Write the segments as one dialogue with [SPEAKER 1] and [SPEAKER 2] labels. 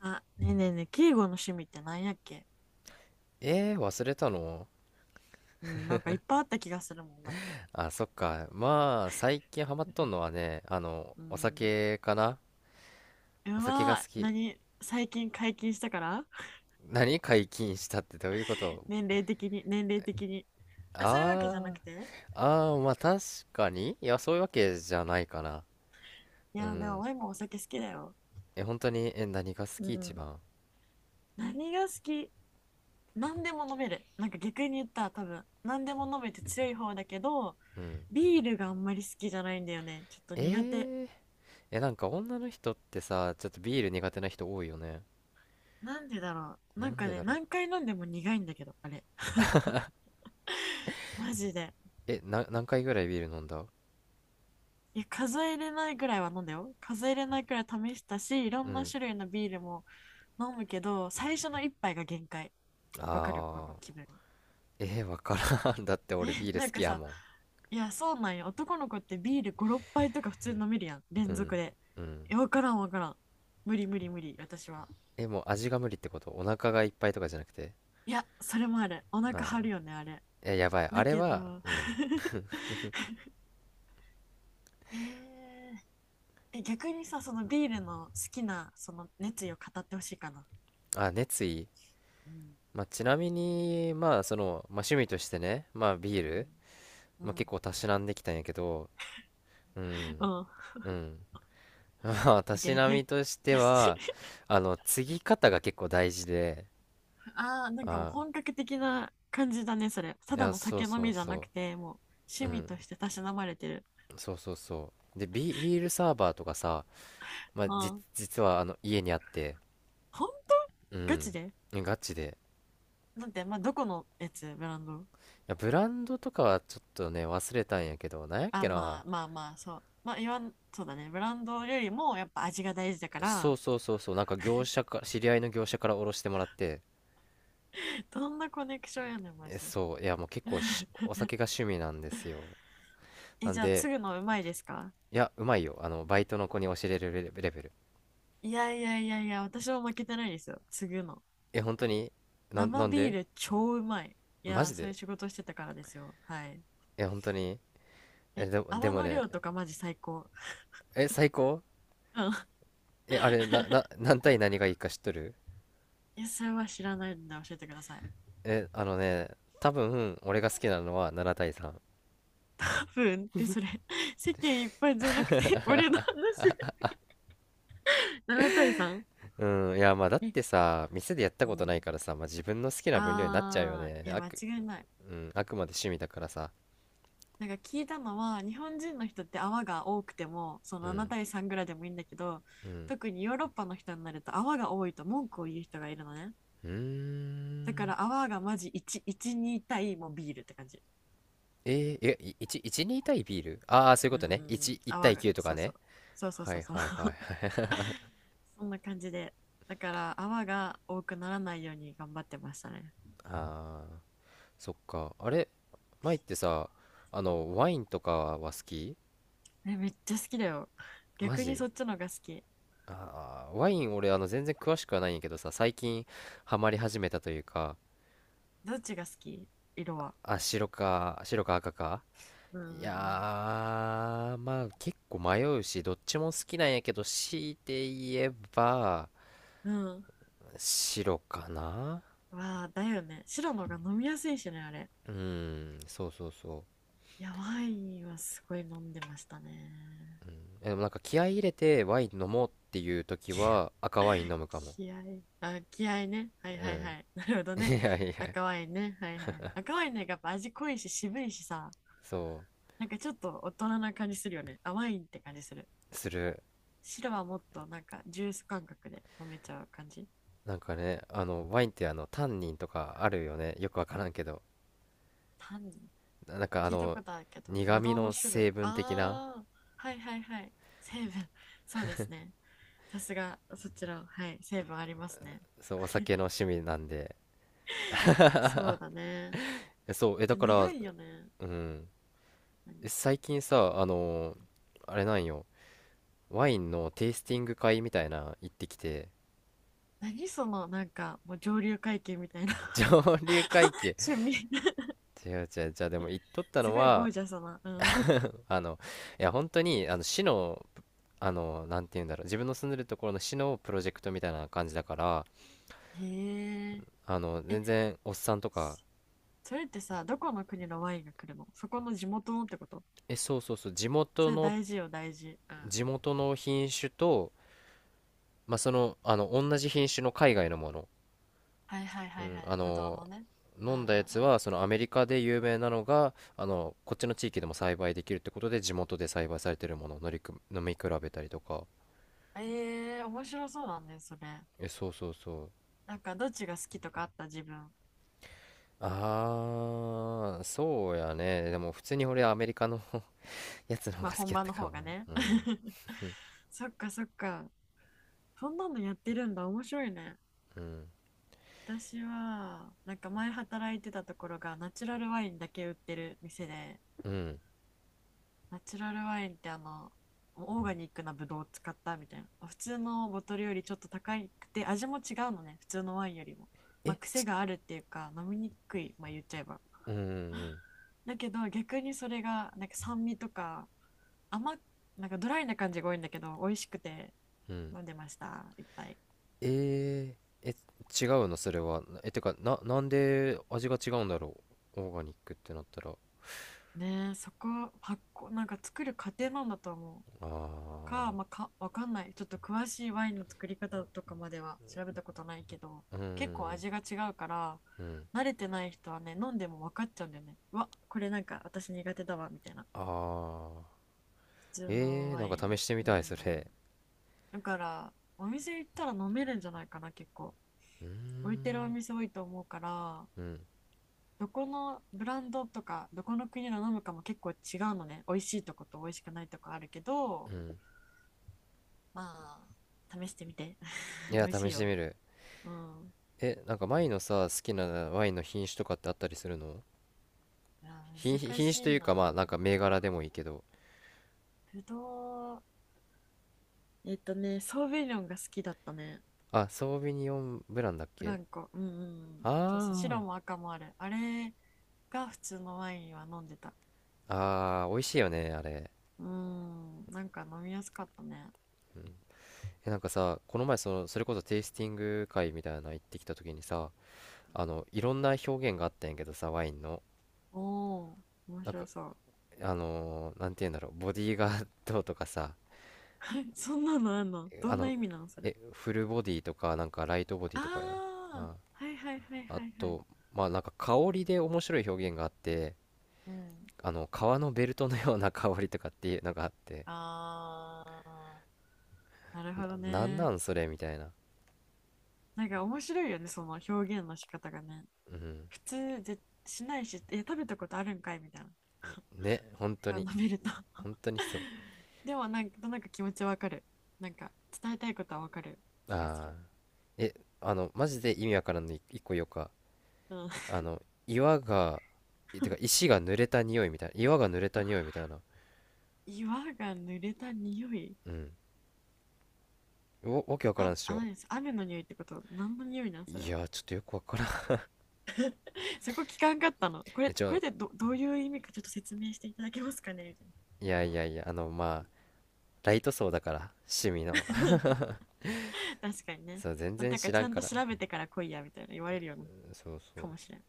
[SPEAKER 1] あ、ねえねえねえ、敬語の趣味って何やっけ。
[SPEAKER 2] えー、忘れたの？
[SPEAKER 1] うん、なんかいっぱいあった気がするもんだって。
[SPEAKER 2] あ、そっか。まあ、最近ハマっとんのはね、
[SPEAKER 1] う
[SPEAKER 2] お
[SPEAKER 1] ん。
[SPEAKER 2] 酒かな。
[SPEAKER 1] う
[SPEAKER 2] お酒が
[SPEAKER 1] わ、
[SPEAKER 2] 好き。
[SPEAKER 1] 何最近解禁したから。
[SPEAKER 2] 何解禁したってどういうこ と？
[SPEAKER 1] 年齢的に、年齢的に。あ、そういうわけじゃな
[SPEAKER 2] あ
[SPEAKER 1] くて。
[SPEAKER 2] ー、ああー、まあ確かに。いや、そういうわけじゃないかな。
[SPEAKER 1] い
[SPEAKER 2] う
[SPEAKER 1] や、でも
[SPEAKER 2] ん。
[SPEAKER 1] ワインもお酒好きだよ。
[SPEAKER 2] え、本当に？え、何が好
[SPEAKER 1] う
[SPEAKER 2] き、一
[SPEAKER 1] ん。
[SPEAKER 2] 番？
[SPEAKER 1] 何が好き？何でも飲める。なんか逆に言ったら多分、何でも飲めて強い方だけど、
[SPEAKER 2] うん。
[SPEAKER 1] ビールがあんまり好きじゃないんだよね。ちょっと
[SPEAKER 2] え
[SPEAKER 1] 苦手。
[SPEAKER 2] ー、え、なんか女の人ってさ、ちょっとビール苦手な人多いよね。
[SPEAKER 1] なんでだろう。
[SPEAKER 2] な
[SPEAKER 1] なん
[SPEAKER 2] ん
[SPEAKER 1] か
[SPEAKER 2] で
[SPEAKER 1] ね、
[SPEAKER 2] だろう。
[SPEAKER 1] 何回飲んでも苦いんだけど、あれ。マジで。
[SPEAKER 2] え、何回ぐらいビール飲んだ？
[SPEAKER 1] いや、数えれないぐらいは飲んだよ。数えれないくらい試したし、いろ
[SPEAKER 2] う
[SPEAKER 1] んな
[SPEAKER 2] ん。
[SPEAKER 1] 種類のビールも飲むけど、最初の一杯が限界。わかるこの
[SPEAKER 2] あ
[SPEAKER 1] 気分？
[SPEAKER 2] ー、わからん。だって俺ビ ール好
[SPEAKER 1] なん
[SPEAKER 2] き
[SPEAKER 1] か
[SPEAKER 2] や
[SPEAKER 1] さ、
[SPEAKER 2] もん。
[SPEAKER 1] いや、そうなんよ。男の子ってビール5、6杯とか普通に飲めるやん。
[SPEAKER 2] う
[SPEAKER 1] 連
[SPEAKER 2] ん
[SPEAKER 1] 続で。
[SPEAKER 2] うん。
[SPEAKER 1] いや、わからんわからん。無理無理無理、私は。
[SPEAKER 2] え、もう味が無理ってこと？お腹がいっぱいとかじゃなくて？
[SPEAKER 1] いや、それもある。お腹
[SPEAKER 2] ああ。
[SPEAKER 1] 張るよね、あれ。
[SPEAKER 2] え、やばい、あ
[SPEAKER 1] だ
[SPEAKER 2] れ
[SPEAKER 1] け
[SPEAKER 2] は。
[SPEAKER 1] ど、
[SPEAKER 2] うん。
[SPEAKER 1] えーえ、逆にさ、そのビールの好きな、その熱意を語ってほしいかな。
[SPEAKER 2] あ、熱意？
[SPEAKER 1] うん。
[SPEAKER 2] まあ、ちなみに、まあ、その、まあ、趣味としてね、まあビー
[SPEAKER 1] う
[SPEAKER 2] ル、
[SPEAKER 1] ん。う
[SPEAKER 2] まあ、結
[SPEAKER 1] ん。
[SPEAKER 2] 構たしなんできたんやけど。う
[SPEAKER 1] う
[SPEAKER 2] ん、
[SPEAKER 1] ん。
[SPEAKER 2] うん。 まあ、たし
[SPEAKER 1] OK。
[SPEAKER 2] なみ としては、継ぎ方が結構大事で。
[SPEAKER 1] ああ、なんかもう
[SPEAKER 2] ああ。
[SPEAKER 1] 本格的な感じだね、それ。た
[SPEAKER 2] い
[SPEAKER 1] だ
[SPEAKER 2] や、
[SPEAKER 1] の
[SPEAKER 2] そう
[SPEAKER 1] 酒飲
[SPEAKER 2] そう
[SPEAKER 1] みじゃな
[SPEAKER 2] そ
[SPEAKER 1] くて、もう
[SPEAKER 2] う。
[SPEAKER 1] 趣
[SPEAKER 2] う
[SPEAKER 1] 味と
[SPEAKER 2] ん。
[SPEAKER 1] してたしなまれてる。
[SPEAKER 2] そうそうそう。で、ビールサーバーとかさ、まあ、
[SPEAKER 1] うん。
[SPEAKER 2] 実はあの家にあって。
[SPEAKER 1] 本当？
[SPEAKER 2] う
[SPEAKER 1] ガ
[SPEAKER 2] ん。
[SPEAKER 1] チで？
[SPEAKER 2] ガチで。
[SPEAKER 1] なんて、まあ、どこのやつ？ブランド？
[SPEAKER 2] や、ブランドとかはちょっとね、忘れたんやけど、なんやっ
[SPEAKER 1] あ、
[SPEAKER 2] け
[SPEAKER 1] ま
[SPEAKER 2] な。
[SPEAKER 1] あまあまあ、そう。まあ、言わん、そうだね。ブランドよりもやっぱ味が大事だか
[SPEAKER 2] そ
[SPEAKER 1] ら、
[SPEAKER 2] うそうそうそう、なんか業者か、知り合いの業者からおろしてもらって、
[SPEAKER 1] どんなコネクションやねん、マ
[SPEAKER 2] え、
[SPEAKER 1] ジで。
[SPEAKER 2] そう、いや、もう結構、お 酒が趣味なんですよ。
[SPEAKER 1] え、
[SPEAKER 2] なん
[SPEAKER 1] じゃあ、
[SPEAKER 2] で、
[SPEAKER 1] 継ぐのうまいですか？
[SPEAKER 2] いや、うまいよ。バイトの子に教えれるレベル。
[SPEAKER 1] いやいやいやいや、私も負けてないですよ。継ぐの。
[SPEAKER 2] え、本当に？
[SPEAKER 1] 生
[SPEAKER 2] なん
[SPEAKER 1] ビー
[SPEAKER 2] で？
[SPEAKER 1] ル超うまい。い
[SPEAKER 2] マ
[SPEAKER 1] や、
[SPEAKER 2] ジ
[SPEAKER 1] そういう
[SPEAKER 2] で？
[SPEAKER 1] 仕事してたからですよ。はい。
[SPEAKER 2] え、本当に？え、
[SPEAKER 1] え、
[SPEAKER 2] でも、で
[SPEAKER 1] 泡
[SPEAKER 2] も
[SPEAKER 1] の
[SPEAKER 2] ね、
[SPEAKER 1] 量とかマジ最高。
[SPEAKER 2] え、最高？
[SPEAKER 1] うん。
[SPEAKER 2] え、あれ、何対何がいいか知っとる？
[SPEAKER 1] いや、それは知らないんで教えてください。
[SPEAKER 2] え、あのね、多分、俺が好きなのは7対3。
[SPEAKER 1] カプンってそれ、世間いっぱいじゃなくて、俺の話。7対 3？
[SPEAKER 2] うん、いやまあだっ
[SPEAKER 1] え、
[SPEAKER 2] てさ、店でやった
[SPEAKER 1] う
[SPEAKER 2] ことない
[SPEAKER 1] ん。
[SPEAKER 2] からさ、まあ、自分の好きな分量になっちゃうよ
[SPEAKER 1] あ
[SPEAKER 2] ね。
[SPEAKER 1] ー、いや、間違いない。
[SPEAKER 2] うん、あくまで趣味だからさ。
[SPEAKER 1] なんか聞いたのは、日本人の人って泡が多くても、そ
[SPEAKER 2] う
[SPEAKER 1] の7
[SPEAKER 2] ん、
[SPEAKER 1] 対3ぐらいでもいいんだけど、
[SPEAKER 2] うん、
[SPEAKER 1] 特にヨーロッパの人になると泡が多いと文句を言う人がいるのね。
[SPEAKER 2] うー
[SPEAKER 1] だから
[SPEAKER 2] ん。
[SPEAKER 1] 泡がマジ1、1、2対もうビールって感じ。
[SPEAKER 2] ええ、1、1、2対ビール。ああー、そういう
[SPEAKER 1] う
[SPEAKER 2] こ
[SPEAKER 1] ん
[SPEAKER 2] と
[SPEAKER 1] う
[SPEAKER 2] ね。
[SPEAKER 1] んうん。
[SPEAKER 2] 1、1
[SPEAKER 1] 泡
[SPEAKER 2] 対
[SPEAKER 1] が、
[SPEAKER 2] 9とか
[SPEAKER 1] そうそ
[SPEAKER 2] ね。
[SPEAKER 1] う。そうそう
[SPEAKER 2] は
[SPEAKER 1] そう
[SPEAKER 2] い
[SPEAKER 1] そう。
[SPEAKER 2] はいはい。
[SPEAKER 1] そんな感じで。だから泡が多くならないように頑張ってましたね。
[SPEAKER 2] ああ、そっか。あれ、前ってさ、
[SPEAKER 1] うん。
[SPEAKER 2] ワインとかは好き？
[SPEAKER 1] え、めっちゃ好きだよ。
[SPEAKER 2] マ
[SPEAKER 1] 逆に
[SPEAKER 2] ジ？
[SPEAKER 1] そっちのが好き。
[SPEAKER 2] ああー、ワイン俺、全然詳しくはないんやけどさ、最近ハマり始めたというか、
[SPEAKER 1] どっちが好き？色は。
[SPEAKER 2] あ、白か赤か？
[SPEAKER 1] うん
[SPEAKER 2] い
[SPEAKER 1] う
[SPEAKER 2] や
[SPEAKER 1] ん
[SPEAKER 2] ー、まあ結構迷うし、どっちも好きなんやけど、強いて言えば、
[SPEAKER 1] うん。うん。
[SPEAKER 2] 白かな。
[SPEAKER 1] わあ、だよね。白のが飲みやすいしね、あれ。
[SPEAKER 2] うん、そうそうそう。
[SPEAKER 1] いや、ワインはすごい飲んでましたね。
[SPEAKER 2] え、でもなんか気合い入れてワイン飲もうっていう 時
[SPEAKER 1] 気
[SPEAKER 2] は赤ワイン飲むかも。
[SPEAKER 1] 気合い。あ、気合いね。はい
[SPEAKER 2] う
[SPEAKER 1] はい
[SPEAKER 2] ん。
[SPEAKER 1] はい。なるほど
[SPEAKER 2] い
[SPEAKER 1] ね。
[SPEAKER 2] やいや、
[SPEAKER 1] 赤ワインね。はいはい。赤ワインね、やっぱ味濃いし渋いしさ。
[SPEAKER 2] そ
[SPEAKER 1] なんかちょっと大人な感じするよね。あ、ワインって感じする。
[SPEAKER 2] う、する。
[SPEAKER 1] 白はもっとなんかジュース感覚で飲めちゃう感じ。
[SPEAKER 2] なんかね、ワインってタンニンとかあるよね。よくわからんけど。
[SPEAKER 1] 単に
[SPEAKER 2] なんか
[SPEAKER 1] 聞いたことあるけど、
[SPEAKER 2] 苦
[SPEAKER 1] ぶ
[SPEAKER 2] 味
[SPEAKER 1] どうの
[SPEAKER 2] の
[SPEAKER 1] 種類？
[SPEAKER 2] 成分的な、
[SPEAKER 1] ああ、はいはいはい。成分。そうですね。さすがそちら。はい、成分ありますね。
[SPEAKER 2] そう、お酒の趣味なんで。
[SPEAKER 1] そうだね。
[SPEAKER 2] え、そう、え、
[SPEAKER 1] あ
[SPEAKER 2] だ
[SPEAKER 1] と
[SPEAKER 2] から、
[SPEAKER 1] 苦いよね。
[SPEAKER 2] うん。
[SPEAKER 1] 何？
[SPEAKER 2] 最近さ、あれなんよ、ワインのテイスティング会みたいな行ってきて、
[SPEAKER 1] 何そのなんかもう上流階級みたいな。
[SPEAKER 2] 上流階級、
[SPEAKER 1] 趣味？
[SPEAKER 2] 違う違う、じゃあでも行っとった
[SPEAKER 1] す
[SPEAKER 2] の
[SPEAKER 1] ごいゴ
[SPEAKER 2] は、
[SPEAKER 1] ージャスな、うん。
[SPEAKER 2] あの、いや本当に、市の、なんて言うんだろう、自分の住んでるところの市のプロジェクトみたいな感じだから、
[SPEAKER 1] へええ、
[SPEAKER 2] 全然おっさんとか、
[SPEAKER 1] そ、それってさ、どこの国のワインが来るの？そこの地元のってこと？
[SPEAKER 2] え、そうそうそう、
[SPEAKER 1] それ大事よ、大事。うん。
[SPEAKER 2] 地元の品種と、まあ、同じ品種の海外のもの。
[SPEAKER 1] はいはい
[SPEAKER 2] う
[SPEAKER 1] はい
[SPEAKER 2] ん、
[SPEAKER 1] はい。ぶどうのね。うん
[SPEAKER 2] 飲
[SPEAKER 1] うんう
[SPEAKER 2] んだやつ
[SPEAKER 1] ん。
[SPEAKER 2] はそのアメリカで有名なのがこっちの地域でも栽培できるってことで、地元で栽培されてるものを乗りく飲み比べたりとか。
[SPEAKER 1] ええー、面白そうだね、それ。
[SPEAKER 2] え、そうそうそう。
[SPEAKER 1] なんか、どっちが好きとかあった自分？
[SPEAKER 2] ああー、そうやね。でも普通に俺アメリカの やつの方
[SPEAKER 1] ま
[SPEAKER 2] が
[SPEAKER 1] あ、
[SPEAKER 2] 好き
[SPEAKER 1] 本
[SPEAKER 2] やっ
[SPEAKER 1] 場
[SPEAKER 2] た
[SPEAKER 1] の
[SPEAKER 2] か
[SPEAKER 1] 方
[SPEAKER 2] も。
[SPEAKER 1] がね。
[SPEAKER 2] うん、
[SPEAKER 1] そっかそっか。そんなのやってるんだ。面白いね。
[SPEAKER 2] うん、
[SPEAKER 1] 私は、なんか前働いてたところが、ナチュラルワインだけ売ってる店で、
[SPEAKER 2] うん。
[SPEAKER 1] ナチュラルワインってオーガニックなブドウを使ったみたいな。普通のボトルよりちょっと高くて、味も違うのね。普通のワインよりも。ま
[SPEAKER 2] え
[SPEAKER 1] あ、癖
[SPEAKER 2] ち
[SPEAKER 1] があるっていうか、飲みにくい。まあ、言っちゃえば。
[SPEAKER 2] うん、うん、
[SPEAKER 1] だけど逆にそれがなんか酸味とか、甘っ、なんかドライな感じが多いんだけど、美味しくて
[SPEAKER 2] うん。
[SPEAKER 1] 飲んでましたいっぱい。
[SPEAKER 2] ええ、違うのそれは？え、てかな、なんで味が違うんだろう？オーガニックってなったら。あ
[SPEAKER 1] ねえ、そこ。発酵？なんか作る過程なんだと思うか、まあ、かわかんない。ちょっと詳しいワインの作り方とかまでは調べたことないけど、
[SPEAKER 2] あー。う
[SPEAKER 1] 結構
[SPEAKER 2] ん、
[SPEAKER 1] 味が違うから、
[SPEAKER 2] うん。
[SPEAKER 1] 慣れてない人はね、飲んでも分かっちゃうんだよね。うわこれなんか私苦手だわみたいな。
[SPEAKER 2] ああ。
[SPEAKER 1] 普通の
[SPEAKER 2] えー、
[SPEAKER 1] ワ
[SPEAKER 2] なん
[SPEAKER 1] イン。
[SPEAKER 2] か試してみ
[SPEAKER 1] うん。
[SPEAKER 2] たい、それ。
[SPEAKER 1] だからお店行ったら飲めるんじゃないかな、結構。
[SPEAKER 2] うー
[SPEAKER 1] 置いてるお
[SPEAKER 2] ん。
[SPEAKER 1] 店多いと思うから。
[SPEAKER 2] うん。
[SPEAKER 1] どこのブランドとかどこの国の飲むかも結構違うのね。美味しいとこと美味しくないとこあるけ
[SPEAKER 2] う
[SPEAKER 1] ど、
[SPEAKER 2] ん。
[SPEAKER 1] まあ試してみて。
[SPEAKER 2] い
[SPEAKER 1] 美
[SPEAKER 2] や、
[SPEAKER 1] 味
[SPEAKER 2] 試
[SPEAKER 1] しい
[SPEAKER 2] して
[SPEAKER 1] よ。
[SPEAKER 2] みる。
[SPEAKER 1] うん。
[SPEAKER 2] え、なんか前のさ、好きなワインの品種とかってあったりするの？
[SPEAKER 1] いや、難
[SPEAKER 2] 品
[SPEAKER 1] し
[SPEAKER 2] 種と
[SPEAKER 1] い
[SPEAKER 2] いうか、
[SPEAKER 1] な。
[SPEAKER 2] まあ、なんか銘柄でもいいけど。
[SPEAKER 1] ぶどう。えっとね、ソーヴィニョンが好きだったね。
[SPEAKER 2] あ、ソービニオンブランだっ
[SPEAKER 1] ブ
[SPEAKER 2] け？
[SPEAKER 1] ランコ、うんうん、そうそう。
[SPEAKER 2] あ
[SPEAKER 1] 白も赤もあるあれが。普通のワインは飲んでた。
[SPEAKER 2] あ。ああ、美味しいよね、あれ。
[SPEAKER 1] うん、なんか飲みやすかったね、
[SPEAKER 2] え、なんかさ、この前、それこそテイスティング会みたいなの行ってきた時にさ、
[SPEAKER 1] うん。
[SPEAKER 2] いろんな表現があったんやけどさ、ワインの。
[SPEAKER 1] おお、面
[SPEAKER 2] なんか、
[SPEAKER 1] 白そう。
[SPEAKER 2] なんて言うんだろう、ボディーガードとかさ、
[SPEAKER 1] はい、そんなのあんの？ど
[SPEAKER 2] あ
[SPEAKER 1] んな
[SPEAKER 2] の、
[SPEAKER 1] 意味なのそれ。
[SPEAKER 2] え、フルボディとか、なんかライトボディ
[SPEAKER 1] あ
[SPEAKER 2] とかや、
[SPEAKER 1] あ、
[SPEAKER 2] あ、
[SPEAKER 1] はいはいはいは
[SPEAKER 2] あ
[SPEAKER 1] いはい。
[SPEAKER 2] と、まあなんか香りで面白い表現があって、
[SPEAKER 1] あ、うん。
[SPEAKER 2] 革のベルトのような香りとかっていうのがあって、
[SPEAKER 1] あ、あ、なるほど
[SPEAKER 2] な、なん
[SPEAKER 1] ね。
[SPEAKER 2] なん、それみたいな。
[SPEAKER 1] なんか面白いよね、その表現の仕方がね。
[SPEAKER 2] うん。
[SPEAKER 1] 普通ぜしないし、え、食べたことあるんかいみたい
[SPEAKER 2] ね、本当
[SPEAKER 1] な。飲
[SPEAKER 2] に、
[SPEAKER 1] めると。
[SPEAKER 2] 本当にそう。
[SPEAKER 1] でもなんか、なんか気持ちわかる。なんか伝えたいことはわかる気がす
[SPEAKER 2] ああ。
[SPEAKER 1] る。
[SPEAKER 2] え、マジで意味わからんのい一個よか。
[SPEAKER 1] うん。
[SPEAKER 2] あの、岩が、いてか石が濡れた匂いみたいな。岩が濡れた匂いみ たいな。
[SPEAKER 1] 岩が濡れた匂い。
[SPEAKER 2] うん。わけわから
[SPEAKER 1] あ、
[SPEAKER 2] んっし
[SPEAKER 1] あ、
[SPEAKER 2] ょ。
[SPEAKER 1] 何です。雨の匂いってこと？何の匂いなんそれ
[SPEAKER 2] い
[SPEAKER 1] は。
[SPEAKER 2] や、ちょっとよくわからん。
[SPEAKER 1] そこ聞かんかったの？こ
[SPEAKER 2] え、
[SPEAKER 1] れ、
[SPEAKER 2] じゃ
[SPEAKER 1] これ
[SPEAKER 2] あ、
[SPEAKER 1] でどういう意味かちょっと説明していただけますかねみたいな。
[SPEAKER 2] いやいやいや、まあライト層だから、趣味の。
[SPEAKER 1] 確かに ね。
[SPEAKER 2] そう、全
[SPEAKER 1] なん
[SPEAKER 2] 然知
[SPEAKER 1] かち
[SPEAKER 2] らん
[SPEAKER 1] ゃん
[SPEAKER 2] か
[SPEAKER 1] と
[SPEAKER 2] ら。
[SPEAKER 1] 調べてから来いやみたいな言われるような
[SPEAKER 2] そうそ
[SPEAKER 1] か
[SPEAKER 2] う。
[SPEAKER 1] もしれん。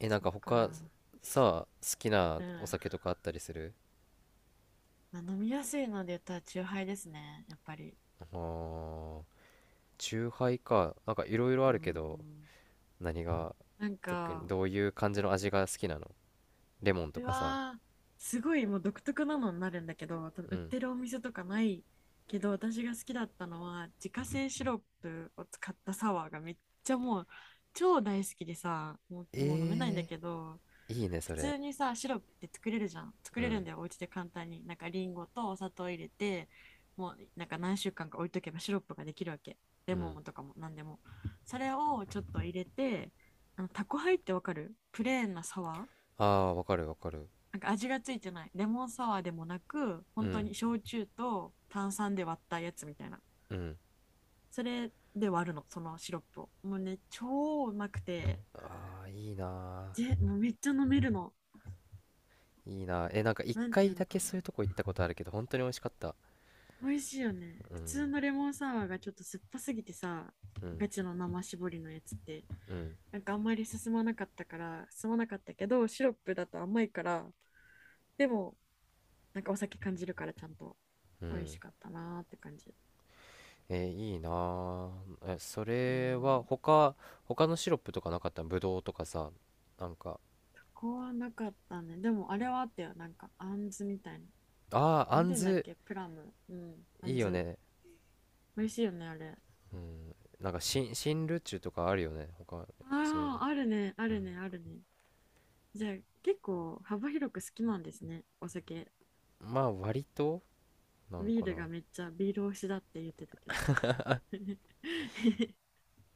[SPEAKER 2] え、なん
[SPEAKER 1] そっ
[SPEAKER 2] か他
[SPEAKER 1] か。
[SPEAKER 2] さ、好きな
[SPEAKER 1] う
[SPEAKER 2] お
[SPEAKER 1] ん。
[SPEAKER 2] 酒とかあったりする？
[SPEAKER 1] まあ、飲みやすいので言ったら中杯ハイですね。やっぱり。
[SPEAKER 2] あー、チューハイか。なんかいろいろ
[SPEAKER 1] う
[SPEAKER 2] あ
[SPEAKER 1] ー
[SPEAKER 2] るけど、
[SPEAKER 1] ん。
[SPEAKER 2] 何が
[SPEAKER 1] なん
[SPEAKER 2] 特に
[SPEAKER 1] か、
[SPEAKER 2] どういう感じの味が好きなの？レモンと
[SPEAKER 1] う
[SPEAKER 2] かさ。
[SPEAKER 1] わー、すごいもう独特なのになるんだけど、多分
[SPEAKER 2] う
[SPEAKER 1] 売っ
[SPEAKER 2] ん。
[SPEAKER 1] てるお店とかないけど、私が好きだったのは自家製シロップを使ったサワーがめっちゃもう超大好きでさ、もう、もう飲めないんだ
[SPEAKER 2] え
[SPEAKER 1] けど。
[SPEAKER 2] ー、いいね、
[SPEAKER 1] 普
[SPEAKER 2] それ。
[SPEAKER 1] 通にさ、シロップって作れるじゃん。作
[SPEAKER 2] う
[SPEAKER 1] れる
[SPEAKER 2] ん。
[SPEAKER 1] んだよ、お家で簡単に。なんかリンゴとお砂糖入れて、もうなんか何週間か置いとけばシロップができるわけ。レ
[SPEAKER 2] う
[SPEAKER 1] モ
[SPEAKER 2] ん。
[SPEAKER 1] ンとかも何でも。それをちょっと入れて、あのタコハイってわかる？プレーンなサワー、
[SPEAKER 2] ああー、わかるわかる。
[SPEAKER 1] なんか味がついてないレモンサワーでもなく、
[SPEAKER 2] う
[SPEAKER 1] 本当
[SPEAKER 2] ん。
[SPEAKER 1] に焼酎と炭酸で割ったやつみたいな。
[SPEAKER 2] うん。
[SPEAKER 1] それで割るの、そのシロップを。もうね、超うまくて、
[SPEAKER 2] ああー、いいな
[SPEAKER 1] ぜ、もうめっちゃ飲めるの。
[SPEAKER 2] ー。いいなー。え、なんか一
[SPEAKER 1] なんてい
[SPEAKER 2] 回
[SPEAKER 1] う
[SPEAKER 2] だ
[SPEAKER 1] のか
[SPEAKER 2] けそういうとこ
[SPEAKER 1] な、
[SPEAKER 2] 行ったことあるけど、本当に美味しかった。
[SPEAKER 1] 美味しいよね。
[SPEAKER 2] う
[SPEAKER 1] 普
[SPEAKER 2] ん、
[SPEAKER 1] 通のレモンサワーがちょっと酸っぱすぎてさ、
[SPEAKER 2] うん、
[SPEAKER 1] ガチの生搾りのやつって、
[SPEAKER 2] うん、
[SPEAKER 1] なんかあんまり進まなかったから、進まなかったけど、シロップだと甘いから、でもなんかお酒感じるからちゃんと、
[SPEAKER 2] う
[SPEAKER 1] 美味し
[SPEAKER 2] ん。
[SPEAKER 1] かったなーって感じ。
[SPEAKER 2] えー、いいな。あ、え、そ
[SPEAKER 1] う
[SPEAKER 2] れは
[SPEAKER 1] ん。
[SPEAKER 2] 他、他のシロップとかなかった？ぶどうとかさ、なんか、
[SPEAKER 1] そこはなかったね。でもあれはあったよ。なんか、あんずみたいな。
[SPEAKER 2] ああー、
[SPEAKER 1] な
[SPEAKER 2] あ
[SPEAKER 1] んて
[SPEAKER 2] ん
[SPEAKER 1] 言うんだっ
[SPEAKER 2] ず。
[SPEAKER 1] け、プラム。うん。あ
[SPEAKER 2] い
[SPEAKER 1] ん
[SPEAKER 2] いよ
[SPEAKER 1] ず。
[SPEAKER 2] ね。
[SPEAKER 1] 美味しいよね、あれ。
[SPEAKER 2] うん、なんか新ルチュとかあるよね、他。そういう
[SPEAKER 1] あ
[SPEAKER 2] ね。
[SPEAKER 1] あ、あるね、あるね、あるね。じゃあ、結構幅広く好きなんですね、お酒。
[SPEAKER 2] まあ割と、なん
[SPEAKER 1] ビー
[SPEAKER 2] か
[SPEAKER 1] ル
[SPEAKER 2] な。
[SPEAKER 1] がめっちゃビール推しだって言ってたけど。